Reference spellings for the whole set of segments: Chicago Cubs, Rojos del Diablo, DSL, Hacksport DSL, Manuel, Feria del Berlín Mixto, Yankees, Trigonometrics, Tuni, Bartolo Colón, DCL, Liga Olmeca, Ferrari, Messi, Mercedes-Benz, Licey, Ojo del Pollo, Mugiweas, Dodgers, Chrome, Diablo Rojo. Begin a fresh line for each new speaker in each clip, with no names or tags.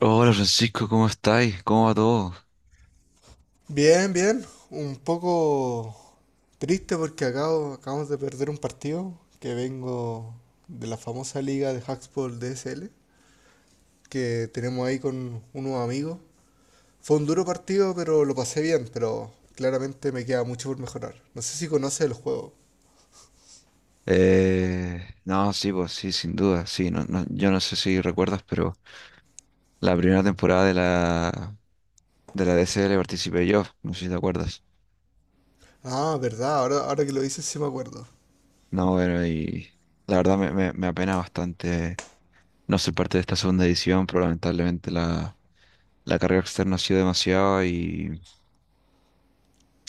Hola Francisco, ¿cómo estáis? ¿Cómo va todo?
Bien, bien. Un poco triste porque acabamos de perder un partido que vengo de la famosa liga de Hacksport DSL que tenemos ahí con unos amigos. Fue un duro partido, pero lo pasé bien, pero claramente me queda mucho por mejorar. No sé si conoces el juego.
Eh, no, sí, pues sí, sin duda, sí. No, no- yo no sé si recuerdas, pero la primera temporada de la DCL participé yo, no sé si te acuerdas.
Ah, verdad, ahora que lo dices sí me acuerdo.
No, bueno, y la verdad me apena bastante no ser parte.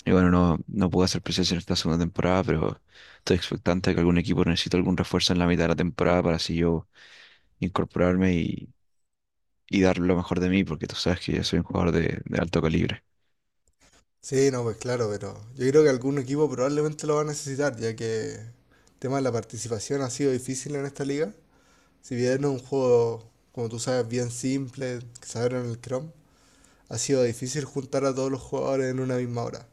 Y bueno, no, no pude hacer presencia en esta segunda temporada, pero estoy expectante de que algún equipo necesite algún refuerzo en la mitad de la temporada para así yo incorporarme y dar lo mejor de mí, porque tú sabes que yo soy un jugador de alto calibre.
Sí, no, pues claro, pero yo creo que algún equipo probablemente lo va a necesitar, ya que el tema de la participación ha sido difícil en esta liga. Si bien es un juego, como tú sabes, bien simple, que se abre en el Chrome, ha sido difícil juntar a todos los jugadores en una misma hora.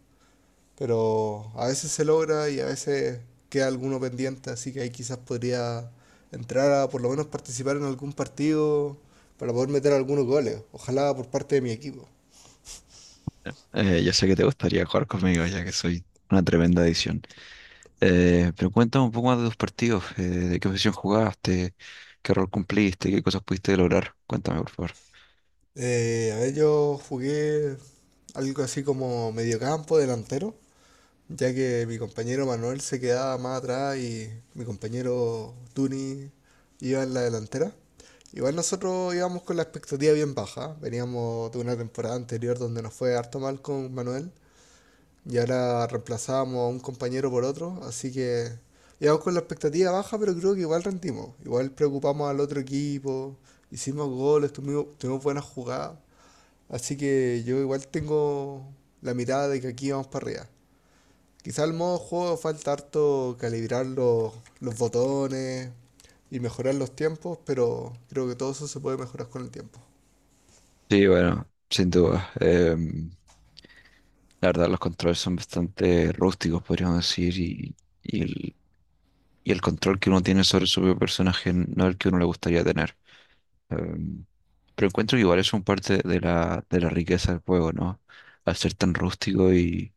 Pero a veces se logra y a veces queda alguno pendiente, así que ahí quizás podría entrar a por lo menos participar en algún partido para poder meter algunos goles, ojalá por parte de mi equipo.
Ya sé que te gustaría jugar conmigo, ya que soy una tremenda adición. Pero cuéntame un poco más de tus partidos, de qué posición jugaste, qué rol cumpliste, qué cosas pudiste lograr. Cuéntame, por favor.
A ver, yo jugué algo así como mediocampo, delantero, ya que mi compañero Manuel se quedaba más atrás y mi compañero Tuni iba en la delantera. Igual nosotros íbamos con la expectativa bien baja, veníamos de una temporada anterior donde nos fue harto mal con Manuel y ahora reemplazábamos a un compañero por otro, así que íbamos con la expectativa baja, pero creo que igual rendimos, igual preocupamos al otro equipo, hicimos goles, tuvimos buenas jugadas, así que yo igual tengo la mirada de que aquí vamos para arriba. Quizá el modo juego falta harto calibrar los botones y mejorar los tiempos, pero creo que todo eso se puede mejorar con el tiempo.
Sí, bueno, sin duda. La verdad, los controles son bastante rústicos, podríamos decir, y el, y el control que uno tiene sobre su propio personaje no es el que uno le gustaría tener. Em, pero encuentro que igual es un parte de la riqueza del juego, ¿no? Al ser tan rústico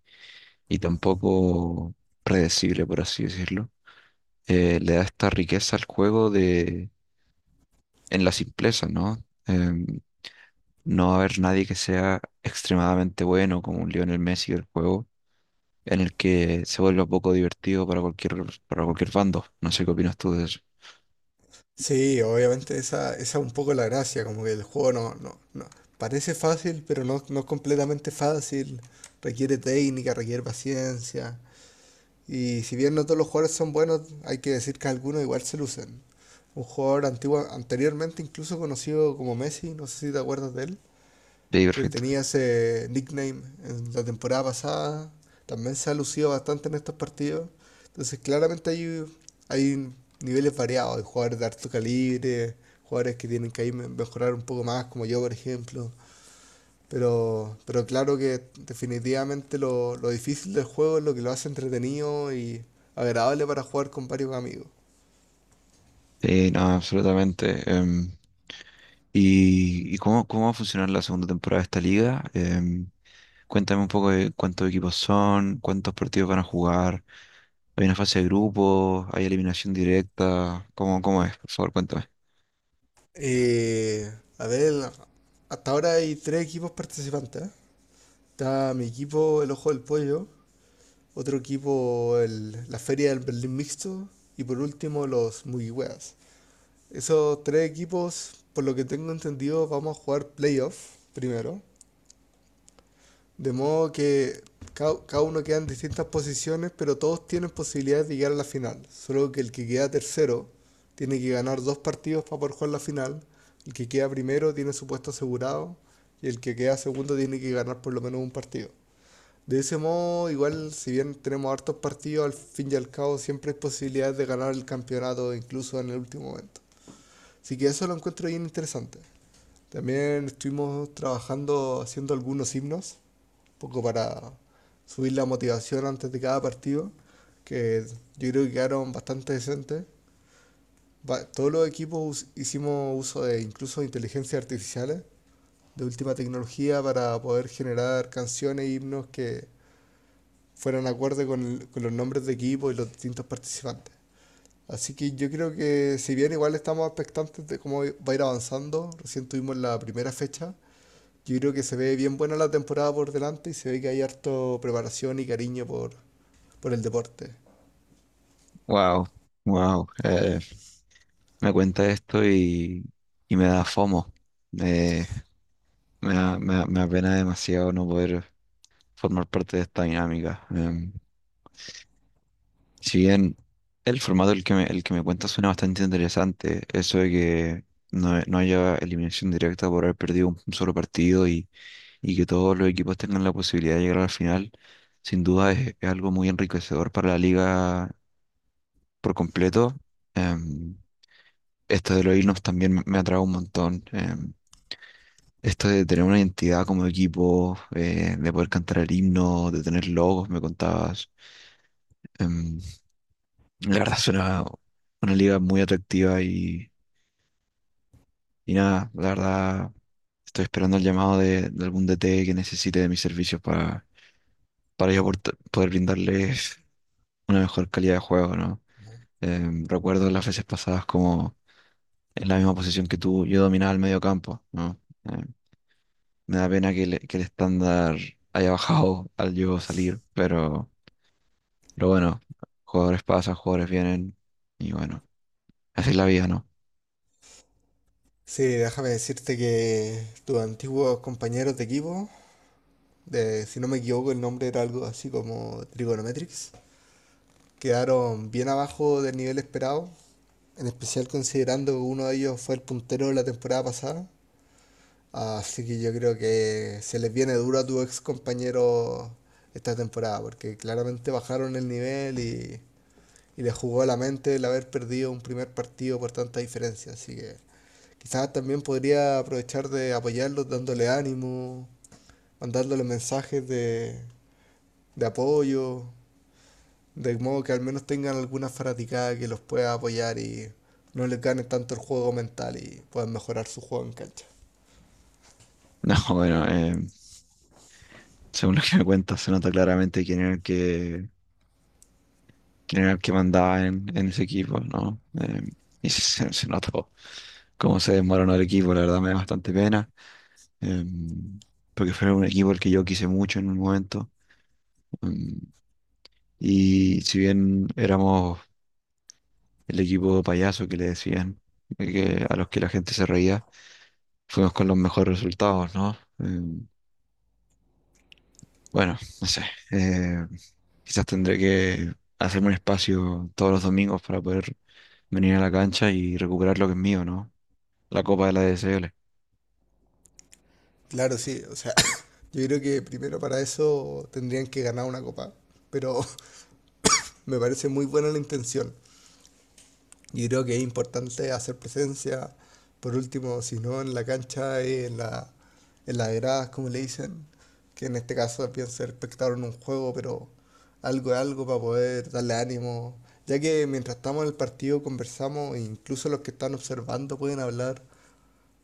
y tan poco predecible, por así decirlo, le da esta riqueza al juego de, en la simpleza, ¿no? Em, no va a haber nadie que sea extremadamente bueno como un Lionel Messi del juego en el que se vuelva poco divertido para para cualquier bando. No sé qué opinas tú de eso.
Sí, obviamente esa es un poco la gracia, como que el juego parece fácil, pero no, no es completamente fácil, requiere técnica, requiere paciencia, y si bien no todos los jugadores son buenos, hay que decir que algunos igual se lucen. Un jugador antiguo, anteriormente incluso conocido como Messi, no sé si te acuerdas de él,
Sí,
que
perfecto.
tenía ese nickname en la temporada pasada, también se ha lucido bastante en estos partidos. Entonces, claramente hay niveles variados, hay jugadores de alto calibre, jugadores que tienen que ahí mejorar un poco más, como yo, por ejemplo. Pero claro que definitivamente lo difícil del juego es lo que lo hace entretenido y agradable para jugar con varios amigos.
Sí, no, absolutamente. Y cómo, cómo va a funcionar la segunda temporada de esta liga? Cuéntame un poco de cuántos equipos son, cuántos partidos van a jugar. ¿Hay una fase de grupos? ¿Hay eliminación directa? ¿Cómo, cómo es? Por favor, cuéntame.
Eh, a ver, hasta ahora hay tres equipos participantes. Está mi equipo, el Ojo del Pollo, otro equipo, la Feria del Berlín Mixto. Y por último, los Mugiweas. Esos tres equipos, por lo que tengo entendido, vamos a jugar playoff primero. De modo que cada uno queda en distintas posiciones, pero todos tienen posibilidad de llegar a la final. Solo que el que queda tercero tiene que ganar dos partidos para poder jugar la final. El que queda primero tiene su puesto asegurado. Y el que queda segundo tiene que ganar por lo menos un partido. De ese modo, igual, si bien tenemos hartos partidos, al fin y al cabo siempre hay posibilidades de ganar el campeonato, incluso en el último momento. Así que eso lo encuentro bien interesante. También estuvimos trabajando, haciendo algunos himnos, un poco para subir la motivación antes de cada partido, que yo creo que quedaron bastante decentes. Todos los equipos hicimos uso de incluso inteligencias artificiales, de última tecnología, para poder generar canciones e himnos que fueran acorde con, con los nombres de equipo y los distintos participantes. Así que yo creo que si bien igual estamos expectantes de cómo va a ir avanzando, recién tuvimos la primera fecha, yo creo que se ve bien buena la temporada por delante y se ve que hay harto preparación y cariño por el deporte.
Wow, wow. Me cuenta esto y me da FOMO. Me da pena demasiado no poder formar parte de esta dinámica. Si bien el formato el que me cuentas suena bastante interesante, eso de que no, no haya eliminación directa por haber perdido un, solo partido y que todos los equipos tengan la posibilidad de llegar a la final, sin duda es algo muy enriquecedor para la liga por completo. Em, Esto de los himnos también me atrae un montón. Esto de tener una identidad como equipo, de poder cantar el himno, de tener logos, me contabas. Em, la verdad suena una liga muy atractiva y nada, la verdad estoy esperando el llamado de algún DT que necesite de mis servicios para yo porta- poder brindarles una mejor calidad de juego, ¿no? Recuerdo las veces pasadas como en la misma posición que tú, yo dominaba el medio campo, ¿no? Em, Me da pena que, le- que el estándar haya bajado al yo salir, pero... Pero bueno, jugadores pasan, jugadores vienen y bueno, así es la vida, ¿no?
Sí, déjame decirte que tus antiguos compañeros de equipo, de, si no me equivoco el nombre era algo así como Trigonometrics, quedaron bien abajo del nivel esperado. En especial considerando que uno de ellos fue el puntero de la temporada pasada. Así que yo creo que se les viene duro a tu ex compañero esta temporada, porque claramente bajaron el nivel y les jugó a la mente el haber perdido un primer partido por tanta diferencia. Así que quizás también podría aprovechar de apoyarlos dándole ánimo, mandándole mensajes de apoyo. De modo que al menos tengan alguna fanaticada que los pueda apoyar y no les gane tanto el juego mental y puedan mejorar su juego en cancha.
No, bueno, según lo que me cuentas, se nota claramente quién era el que, quién era el que mandaba en ese equipo, ¿no? Y se, se notó cómo se desmoronó el equipo, la verdad me da bastante pena, em, porque fue un equipo al que yo quise mucho en un momento. em, y si bien éramos el equipo payaso que le decían, que, a los que la gente se reía, fuimos con los mejores resultados, ¿no? Bueno, no sé. eh, Quizás tendré que hacerme un espacio todos los domingos para poder venir a la cancha y recuperar lo que es mío, ¿no? La copa de la D. S. L.
Claro, sí, o sea, yo creo que primero para eso tendrían que ganar una copa, pero me parece muy buena la intención. Yo creo que es importante hacer presencia, por último, si no en la cancha, en en las gradas, como le dicen, que en este caso pienso ser espectador en un juego, pero algo de algo para poder darle ánimo, ya que mientras estamos en el partido conversamos, e incluso los que están observando pueden hablar,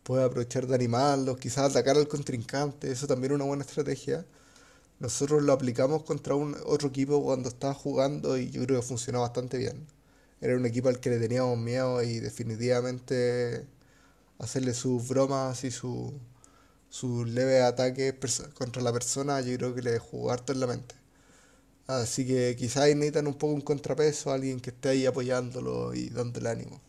pueden aprovechar de animarlos, quizás atacar al contrincante, eso también es una buena estrategia. Nosotros lo aplicamos contra un otro equipo cuando estaba jugando y yo creo que funcionó bastante bien. Era un equipo al que le teníamos miedo y definitivamente hacerle sus bromas y su leves ataques contra la persona yo creo que le jugó harto en la mente. Así que quizás necesitan un poco un contrapeso, alguien que esté ahí apoyándolo y dándole ánimo.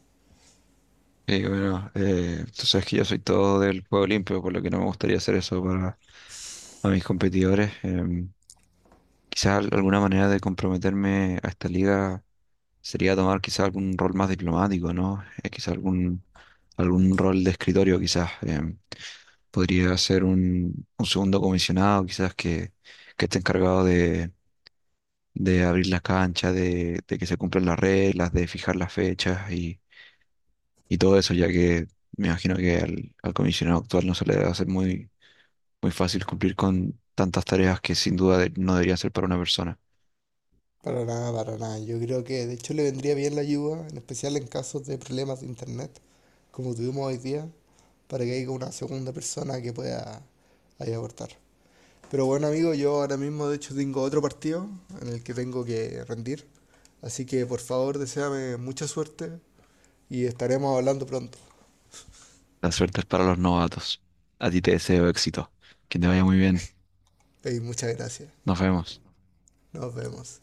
Y bueno, tú sabes que yo soy todo del juego limpio, por lo que no me gustaría hacer eso para a mis competidores. Quizá al- alguna manera de comprometerme a esta liga sería tomar quizá algún rol más diplomático, ¿no? Quizá algún, algún rol de escritorio, quizás. Podría ser un segundo comisionado, quizás que esté encargado de abrir las canchas, de que se cumplan las reglas, de fijar las fechas y todo eso, ya que me imagino que al, al comisionado actual no se le debe hacer muy, muy fácil cumplir con tantas tareas que sin duda de- no deberían ser para una persona.
Para nada, para nada. Yo creo que de hecho le vendría bien la ayuda, en especial en casos de problemas de internet, como tuvimos hoy día, para que haya una segunda persona que pueda ahí aportar. Pero bueno, amigo, yo ahora mismo de hecho tengo otro partido en el que tengo que rendir. Así que por favor, deséame mucha suerte y estaremos hablando pronto.
La suerte es para los novatos. A ti te deseo éxito. Que te vaya muy bien.
Y muchas gracias.
Nos vemos.
Nos vemos.